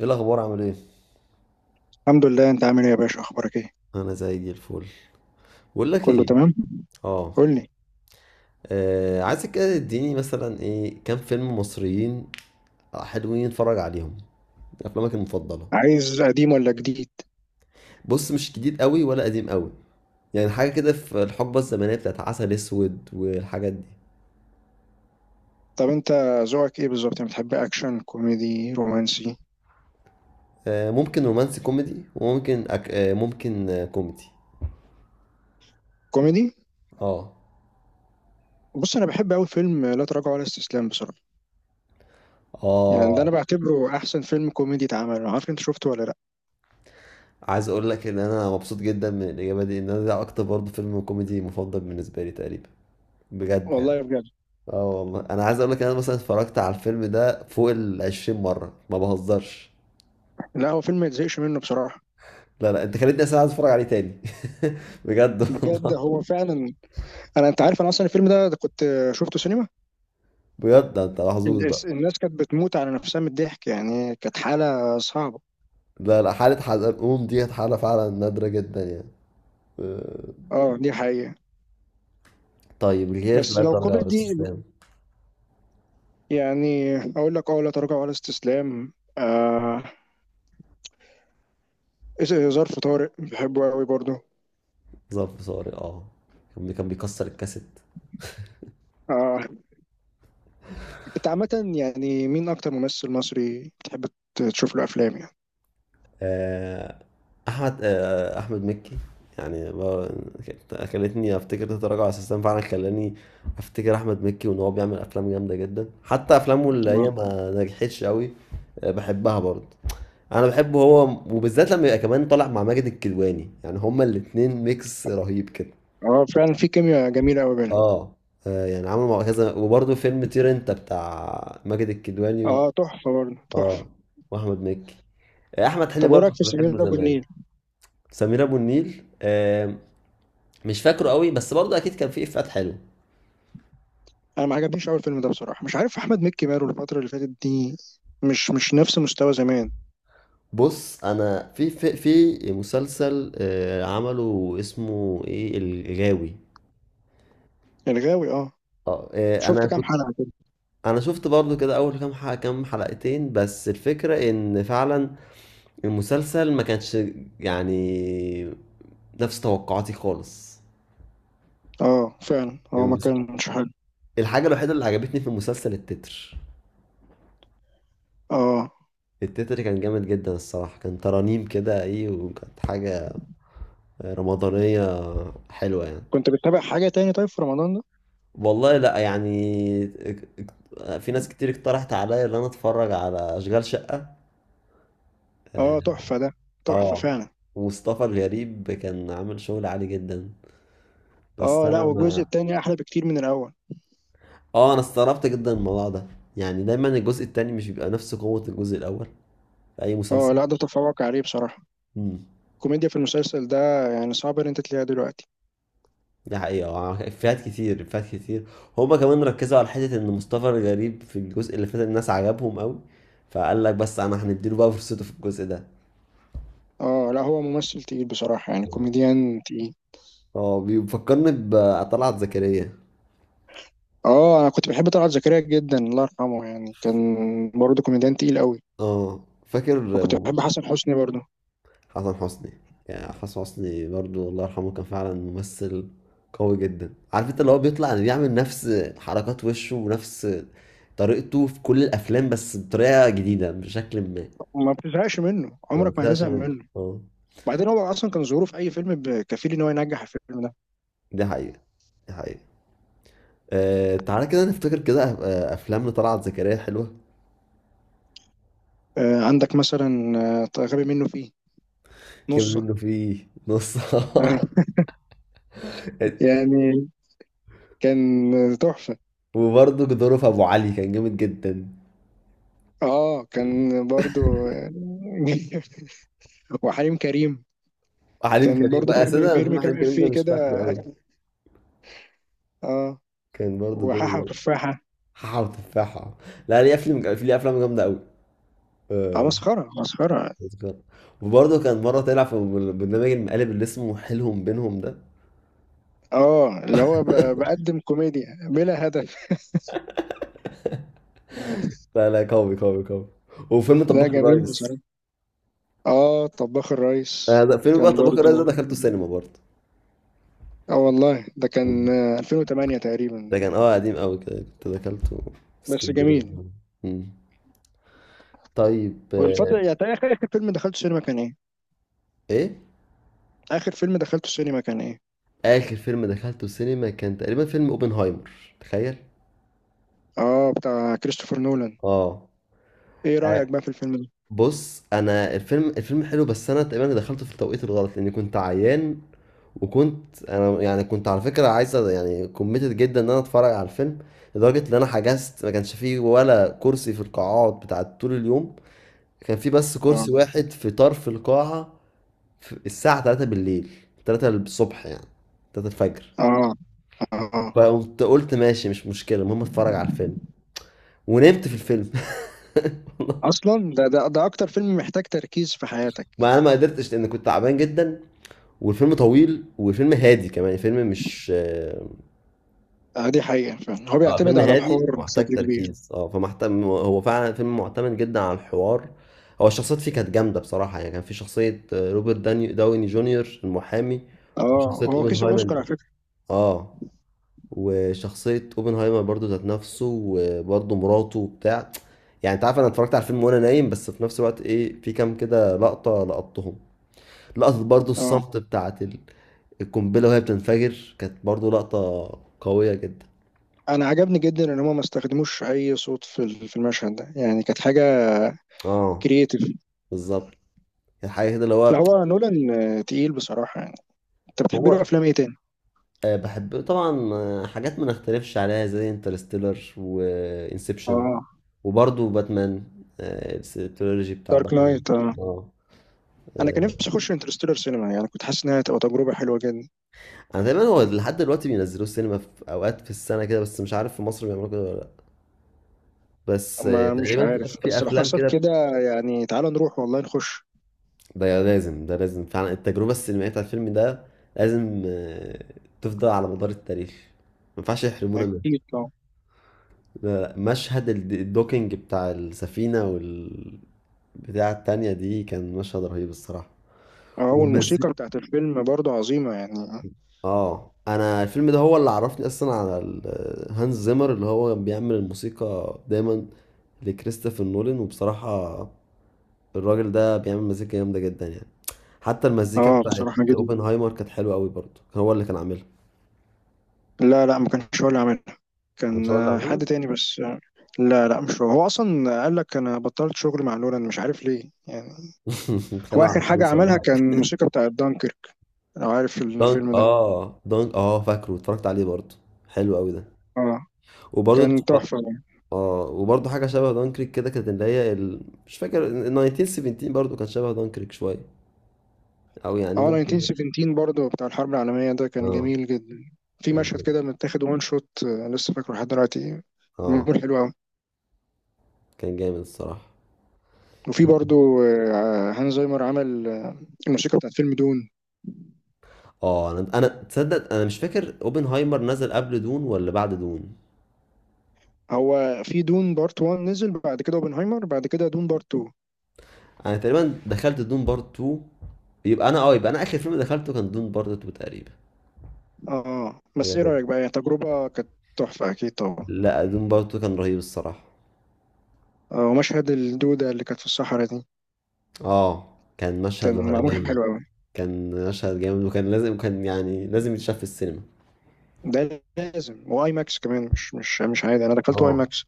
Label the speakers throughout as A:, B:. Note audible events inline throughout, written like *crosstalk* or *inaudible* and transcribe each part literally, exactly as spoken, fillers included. A: ايه الاخبار؟ عامل ايه؟
B: الحمد لله، انت عامل ايه يا باشا؟ اخبارك ايه؟
A: انا زي الفل. بقول لك
B: كله
A: ايه.
B: تمام.
A: اه.
B: قول لي.
A: آه، عايزك كده تديني مثلا ايه، كام فيلم مصريين حلوين اتفرج عليهم. افلامك المفضله.
B: عايز قديم ولا جديد؟
A: بص، مش جديد قوي ولا قديم قوي. يعني حاجه كده في الحقبه الزمنيه بتاعت عسل اسود والحاجات دي.
B: طب انت ذوقك ايه بالظبط؟ يعني بتحب اكشن، كوميدي، رومانسي؟
A: آه، ممكن رومانسي كوميدي وممكن أك... آه، ممكن آه، كوميدي.
B: كوميدي.
A: اه.
B: بص، انا بحب قوي فيلم لا تراجع ولا استسلام بصراحه. يعني ده انا
A: اه،
B: بعتبره احسن فيلم كوميدي اتعمل. انا عارف انت شفته ولا لا؟
A: عايز اقول لك ان انا مبسوط جدا من الاجابه دي، ان انا ده اكتر برضه فيلم كوميدي مفضل بالنسبه لي تقريبا. بجد يعني.
B: والله بجد.
A: اه والله، انا عايز اقول لك انا مثلا اتفرجت على الفيلم ده فوق ال عشرين مره، ما بهزرش.
B: لا هو فيلم ما يتزهقش منه بصراحه.
A: لا لا، انت خليتني اصلا عايز اتفرج عليه تاني. *laughs* بجد
B: بجد
A: والله.
B: هو فعلا. انا، انت عارف، انا اصلا الفيلم ده, ده كنت شفته سينما.
A: بجد ده انت محظوظ
B: الناس
A: بقى.
B: الناس كانت بتموت على نفسها من الضحك، يعني كانت حاله صعبه.
A: لا لا، حاله حزلقوم دي كانت حاله فعلا نادره جدا يعني. آه.
B: اه، دي حقيقه.
A: طيب، الغير
B: بس
A: لا
B: لو
A: ترجع ولا
B: كوميدي،
A: استسلام.
B: يعني اقول لك اه لا تراجع ولا استسلام. آه، إز- ظرف طارق بحبه قوي برضه.
A: ظرف صاري، اه. كان كان بيكسر الكاسيت.
B: آه، انت عامة يعني مين اكتر ممثل مصري بتحب ت- تشوف له افلام يعني؟
A: آه، احمد آه، احمد مكي. يعني ب- كانت- خلتني افتكر تتراجع على السيستم، فعلا خلاني افتكر احمد مكي، وان هو بيعمل افلام جامده جدا، حتى افلامه اللي هي
B: اه.
A: ما نجحتش قوي. آه، بحبها برضه. انا بحبه هو، وبالذات لما يبقى كمان طالع مع ماجد الكدواني. يعني هما الاتنين ميكس رهيب كده.
B: آه، فعلا في كيمياء جميلة قوي بينهم.
A: اه. آه، يعني عملوا مع كذا، وبرضه فيلم طير انت بتاع ماجد الكدواني و...
B: اه، تحفة برضه
A: اه،
B: تحفة.
A: واحمد مكي. آه، احمد حلمي
B: طب ايه
A: برضه
B: رايك
A: كنت
B: في سمير
A: بحبه
B: ابو
A: زمان.
B: النيل؟
A: سمير ابو النيل، آم، مش فاكره قوي، بس برضه اكيد كان فيه افيهات حلوه.
B: انا ما عجبنيش اول فيلم ده بصراحة. مش عارف احمد مكي ماله الفترة اللي فاتت دي. مش مش نفس مستوى زمان.
A: بص، انا في في, في مسلسل آه، عمله اسمه ايه، الغاوي.
B: الغاوي، اه.
A: اه. آه، انا
B: شفت كام
A: كنت.
B: حلقة كده؟
A: انا شفت برضه كده اول كام حلقة، كام حلقتين، بس الفكره ان فعلا المسلسل ما كانش يعني نفس توقعاتي خالص.
B: اه، فعلا هو ما
A: المس-
B: كانش حلو.
A: الحاجه الوحيده اللي عجبتني في المسلسل التتر.
B: اه.
A: التتر كان جامد جدا الصراحه، كان ترانيم كده، ايه، وكانت حاجه رمضانية حلوة يعني.
B: كنت بتتابع حاجة تاني طيب في رمضان؟
A: والله لا، يعني اك- اك- في ناس كتير اقترحت عليا ان انا اتفرج على اشغال شقة. اه.
B: اه، تحفة ده. تحفة
A: آه.
B: فعلا.
A: ومصطفى الغريب كان عامل شغل عالي جدا، بس
B: اه، لا،
A: انا
B: والجزء
A: ما.
B: التاني احلى بكتير من الاول.
A: اه، انا استغربت جدا من الموضوع ده. يعني دايما الجزء التاني مش بيبقى نفس قوة الجزء الاول، في اي
B: اه
A: مسلسل.
B: لا، ده تفوق عليه بصراحة.
A: امم.
B: الكوميديا في المسلسل ده يعني صعب ان انت تلاقيها دلوقتي.
A: ده حقيقة، آه، افيهات كتير، افيهات كتير. هما كمان ركزوا على حتة ان مصطفى الغريب في الجزء اللي فات الناس عجبهم قوي، فقال لك بس انا هنديله بقى فرصته في الجزء ده.
B: اه لا، هو ممثل تقيل بصراحة، يعني كوميديان تقيل.
A: اه، بيفكرني بطلعت زكريا.
B: اه، انا كنت بحب طلعت زكريا جدا، الله يرحمه، يعني كان برضه كوميديان تقيل قوي.
A: اه، فاكر.
B: وكنت بحب حسن حسني برضه.
A: حسن حسني. يعني حسن حسني برضو، الله يرحمه، كان فعلا ممثل قوي جدا. عارف انت اللي هو بيطلع، يعني بيعمل نفس حركات وشه ونفس طريقته في كل الافلام، بس بطريقه جديده بشكل ما.
B: ما بتزهقش منه،
A: ما
B: عمرك ما
A: بتزهقش
B: هتزهق
A: منه،
B: منه.
A: اه.
B: بعدين هو اصلا كان ظهوره في اي فيلم ب- كفيل ان هو ينجح الفيلم ده.
A: دي حقيقه، دي حقيقه. آه تعالى كده نفتكر كده، أف- آه، افلام لطلعت زكريا حلوه.
B: آه، عندك مثلا؟ آه، غبي منه فيه.
A: كان
B: نصه.
A: منه فيه نص. *laughs*
B: *laughs* يعني كان تحفة.
A: وبرضه دوره في ابو علي كان جامد جدا.
B: اه، كان برضو. *laughs* وحليم كريم.
A: وحليم
B: كان
A: كريم
B: برضو
A: بقى، أصل
B: بيرمي
A: أنا
B: بيرمي
A: فيلم
B: كام
A: حليم كريم ده
B: افيه
A: مش
B: كده.
A: فاكره أوي.
B: اه.
A: كان برضه دوره
B: وحاحة
A: جامد.
B: وتفاحة.
A: حاحة وتفاحة. لا، ليه أفلام في ليه أفلام جامدة أوي.
B: اه،
A: آه،
B: مسخرة مسخرة.
A: أذكر. وبرضه كان مرة طلع في برنامج المقالب اللي اسمه حيلهم بينهم ده.
B: اه، اللي هو ب- بقدم كوميديا بلا هدف.
A: لا لا، قوي قوي قوي. وفيلم
B: ده
A: طباخ
B: جميل
A: الريس.
B: بصراحة. اه، طباخ
A: آه،
B: الريس.
A: ده فيلم بقى،
B: كان
A: طباخ
B: برضو.
A: الريس ده دخلته السينما برضه.
B: اه والله ده كان
A: مم.
B: آه، ألفين وثمانية
A: ده
B: تقريبا.
A: كان اه قديم قوي كده، كنت دخلته في
B: بس
A: اسكندريه
B: جميل.
A: زمان. مم. طيب.
B: والفترة،
A: آه،
B: يعني آخر آخر فيلم دخلته سينما كان ايه؟
A: ايه؟
B: آخر فيلم دخلته سينما كان ايه؟
A: اخر فيلم دخلته السينما كان تقريبا فيلم اوبنهايمر، تخيل.
B: اه، بتاع كريستوفر نولان.
A: اه.
B: ايه رأيك بقى في الفيلم ده؟
A: بص، انا الفيلم الفيلم حلو، بس انا تقريبا دخلته في التوقيت الغلط لاني كنت عيان. وكنت انا، يعني كنت على فكره عايز أ- يعني كوميتد جدا ان انا اتفرج على الفيلم، لدرجه ان انا حجزت ما كانش فيه ولا كرسي في القاعات بتاعت طول اليوم. كان فيه بس
B: اه،
A: كرسي واحد في طرف القاعه، في الساعه تلاتة بالليل، ثلاثة الصبح يعني، تلاتة الفجر.
B: اه، اه.
A: فقمت قلت ماشي، مش مشكله، المهم اتفرج على الفيلم. ونمت في الفيلم. *laughs*
B: اصلا ده ده ده اكتر فيلم محتاج تركيز في حياتك.
A: ما انا ما قدرتش لان كنت تعبان جدا، والفيلم طويل، وفيلم هادي كمان، فيلم مش آه،
B: آه دي حقيقة، فعلا هو
A: اه،
B: بيعتمد
A: فيلم
B: على
A: هادي
B: الحوار
A: محتاج
B: بشكل كبير.
A: تركيز. اه فمحتم هو فعلا فيلم معتمد جدا على الحوار. هو الشخصيات فيه كانت جامده بصراحه. يعني كان في شخصيه آه، روبرت داني داوني جونيور، المحامي،
B: اه،
A: وشخصيه
B: هو كسب
A: اوبنهايمر.
B: اوسكار على فكرة.
A: اه. وشخصيه اوبنهايمر برضو ذات نفسه، وبرضو مراته وبتاع. يعني انت عارف، انا اتفرجت على الفيلم وانا نايم، بس في نفس الوقت ايه، في كام كده لقطه لقطتهم. لقطه برضو
B: اه،
A: الصمت بتاعت القنبلة وهي بتنفجر، كانت برضو لقطة قوية جدا.
B: انا عجبني جدا ان هما ما استخدموش اي صوت في ال- في المشهد ده، يعني كانت حاجة
A: اه،
B: كرييتيف.
A: بالظبط. كانت حاجة كده اللي
B: لا،
A: هو.
B: هو نولان. آه، تقيل بصراحة يعني. انت بتحب له
A: هو
B: افلام ايه تاني؟
A: آه، بحب طبعا، آه، حاجات ما نختلفش عليها، زي انترستيلر وانسبشن،
B: اه،
A: وبرضو باتمان. آه، التريلوجي بتاع
B: دارك
A: باتمان.
B: نايت اه.
A: اه.
B: انا كان
A: آه،
B: نفسي اخش انترستيلر سينما، يعني كنت حاسس انها هتبقى تجربة حلوة جدا.
A: انا دايما هو لحد دلوقتي بينزلوه السينما في اوقات في السنة كده، بس مش عارف في مصر بيعملوا كده ولا لا. بس آه،
B: ما مش
A: تقريبا في
B: عارف،
A: في
B: بس لو
A: افلام
B: حصل
A: كده.
B: كده يعني تعالى نروح والله نخش.
A: ده لازم، ده لازم فعلا. التجربة السينمائية بتاعت الفيلم ده لازم آه، تفضل على مدار التاريخ. ما ينفعش يحرمونا منه.
B: أكيد طبعا.
A: لا لا، مشهد الد- الدوكينج بتاع السفينة وال بتاع التانية دي، كان مشهد رهيب الصراحة.
B: أه، والموسيقى
A: والمزيكا.
B: بتاعت الفيلم برضه عظيمة يعني.
A: اه، انا الفيلم ده هو اللي عرفني اصلا على ال- آه، هانز زيمر، اللي هو بيعمل الموسيقى دايما لكريستوفر نولان. وبصراحة الراجل ده بيعمل مزيكا جامدة جدا يعني. حتى المزيكا بقى
B: اه،
A: بتاعت
B: بصراحة جدا.
A: اوبنهايمر كانت حلوة قوي برضه، كان هو اللي كان عاملها.
B: لا، لا، ما كانش هو اللي عاملها.
A: مش
B: كان
A: هو اللي
B: آه،
A: عاملها.
B: حد تاني بس آه، لا، لا، مش هو. هو أصلا قال لك أنا بطلت شغل مع نولان، مش عارف ليه يعني.
A: *laughs*
B: هو
A: كانوا
B: آخر
A: على
B: حاجة
A: فلوس ولا
B: عملها كان
A: حاجة؟
B: الموسيقى بتاعت دانكيرك. لو عارف
A: دانك
B: الفيلم ده.
A: اه دانك اه فاكره، اتفرجت عليه برضه. حلو قوي ده.
B: اه،
A: وبرضه
B: كان
A: اتفرجت.
B: تحفة يعني.
A: اه، وبرضه حاجة شبه دانكريك كده، كانت اللي هي ال... مش فاكر، ال ألف وتسعمية وسبعتاشر برضه كان شبه دانكريك شوية. او يعني
B: اه،
A: ممكن ده.
B: ألف وتسعمية وسبعتاشر برضه بتاع الحرب العالمية، ده كان
A: اه،
B: جميل جدا. في
A: كان
B: مشهد
A: جامد.
B: كده متاخد وان شوت، آه، لسه فاكره لحد دلوقتي.
A: اه،
B: معمول حلو أوي.
A: كان جامد الصراحة.
B: وفي برضه آه، هانز زايمر عمل الموسيقى بتاعت فيلم دون.
A: اه، انا انا تصدق، انا مش فاكر اوبنهايمر نزل قبل دون ولا بعد دون.
B: هو في دون بارت وان نزل، بعد كده اوبنهايمر، بعد كده دون بارت اتنين.
A: انا تقريبا دخلت دون بارت اتنين. يبقى انا اه يبقى انا اخر فيلم دخلته كان دون بارت اتنين تقريبا.
B: اه، بس ايه
A: غالبا.
B: رأيك بقى؟ هي تجربة كانت تحفة اكيد طبعا.
A: لا، دون بارت اتنين كان رهيب الصراحه.
B: آه ومشهد الدودة اللي كانت في الصحراء دي
A: اه، كان مشهد.
B: كان معمول حلو
A: جامد
B: قوي.
A: كان مشهد جامد، وكان لازم، كان يعني لازم يتشاف في السينما.
B: ده لازم واي ماكس كمان، مش مش مش عادي، انا دخلت واي
A: اه،
B: ماكس.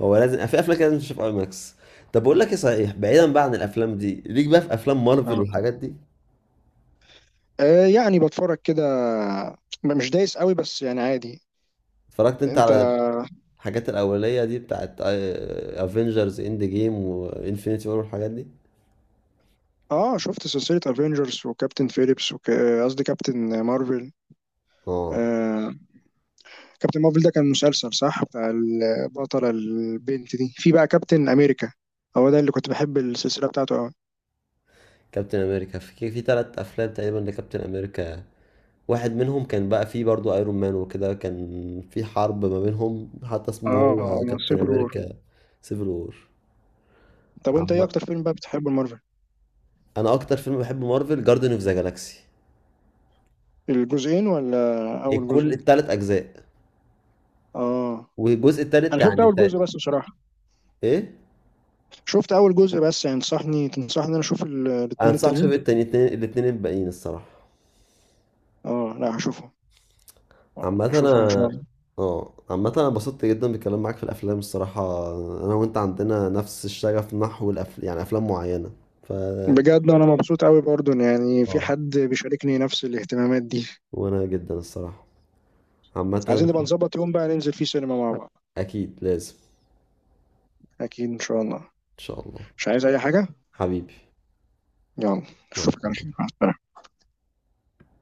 A: هو لازم في افلام كده لازم تشوف اي ماكس. طب، بقول لك ايه صحيح، بعيدا بقى عن الافلام دي، ليك بقى في افلام مارفل
B: آه.
A: والحاجات دي؟
B: آه يعني بتفرج كده، م- مش دايس قوي، بس يعني عادي.
A: اتفرجت انت
B: انت.
A: على الحاجات الاوليه دي بتاعت افنجرز اند جيم وانفينيتي وور والحاجات دي؟
B: اه. شفت سلسلة افنجرز وكابتن فيليبس وك- قصدي كابتن
A: اه،
B: مارفل. كابتن مارفل ده كان مسلسل صح بتاع البطلة البنت دي، في بقى كابتن أمريكا. هو ده اللي كنت بحب السلسلة بتاعته أوي.
A: كابتن امريكا، في كي- في ثلاث افلام تقريبا لكابتن امريكا. واحد منهم كان بقى فيه برضو ايرون مان، وكده كان في حرب ما بينهم، حتى اسمه هو
B: اه،
A: كابتن
B: سيفل وور.
A: امريكا، سيفل وور.
B: طب أنت إيه
A: عم...
B: أكتر فيلم بقى بتحبه المارفل؟
A: انا اكتر فيلم بحب مارفل، جاردن اوف ذا جالاكسي.
B: الجزئين ولا أول جزء؟
A: الكل، الثلاث اجزاء.
B: اه.
A: والجزء الثالث
B: أنا شفت
A: يعني
B: أول
A: تا...
B: جزء بس بصراحة.
A: ايه.
B: شفت أول جزء بس. يعني تنصحني تنصحني إن أنا أشوف ال-
A: انا
B: الاتنين
A: انصحك تشوف
B: التانيين؟
A: التاني، الاتنين الاتنين الباقيين الصراحه.
B: اه، لا، هشوفهم.
A: عامة انا.
B: هشوفهم إن شاء الله.
A: اه، عامة انا انبسطت جدا بالكلام معاك في الافلام الصراحة. انا وانت عندنا نفس الشغف نحو الأف... يعني افلام معينة. ف.
B: بجد أنا مبسوط أوي برضه، إن يعني في
A: اه،
B: حد بيشاركني نفس الاهتمامات دي.
A: وانا جدا الصراحة. عامة
B: عايزين نبقى
A: شوف.
B: نظبط يوم بقى ننزل فيه سينما مع بعض.
A: اكيد لازم.
B: أكيد إن شاء الله.
A: ان شاء الله.
B: مش عايز أي حاجة.
A: حبيبي.
B: يلا.
A: مع
B: اشوفك على خير،
A: السلامة.
B: مع السلامة.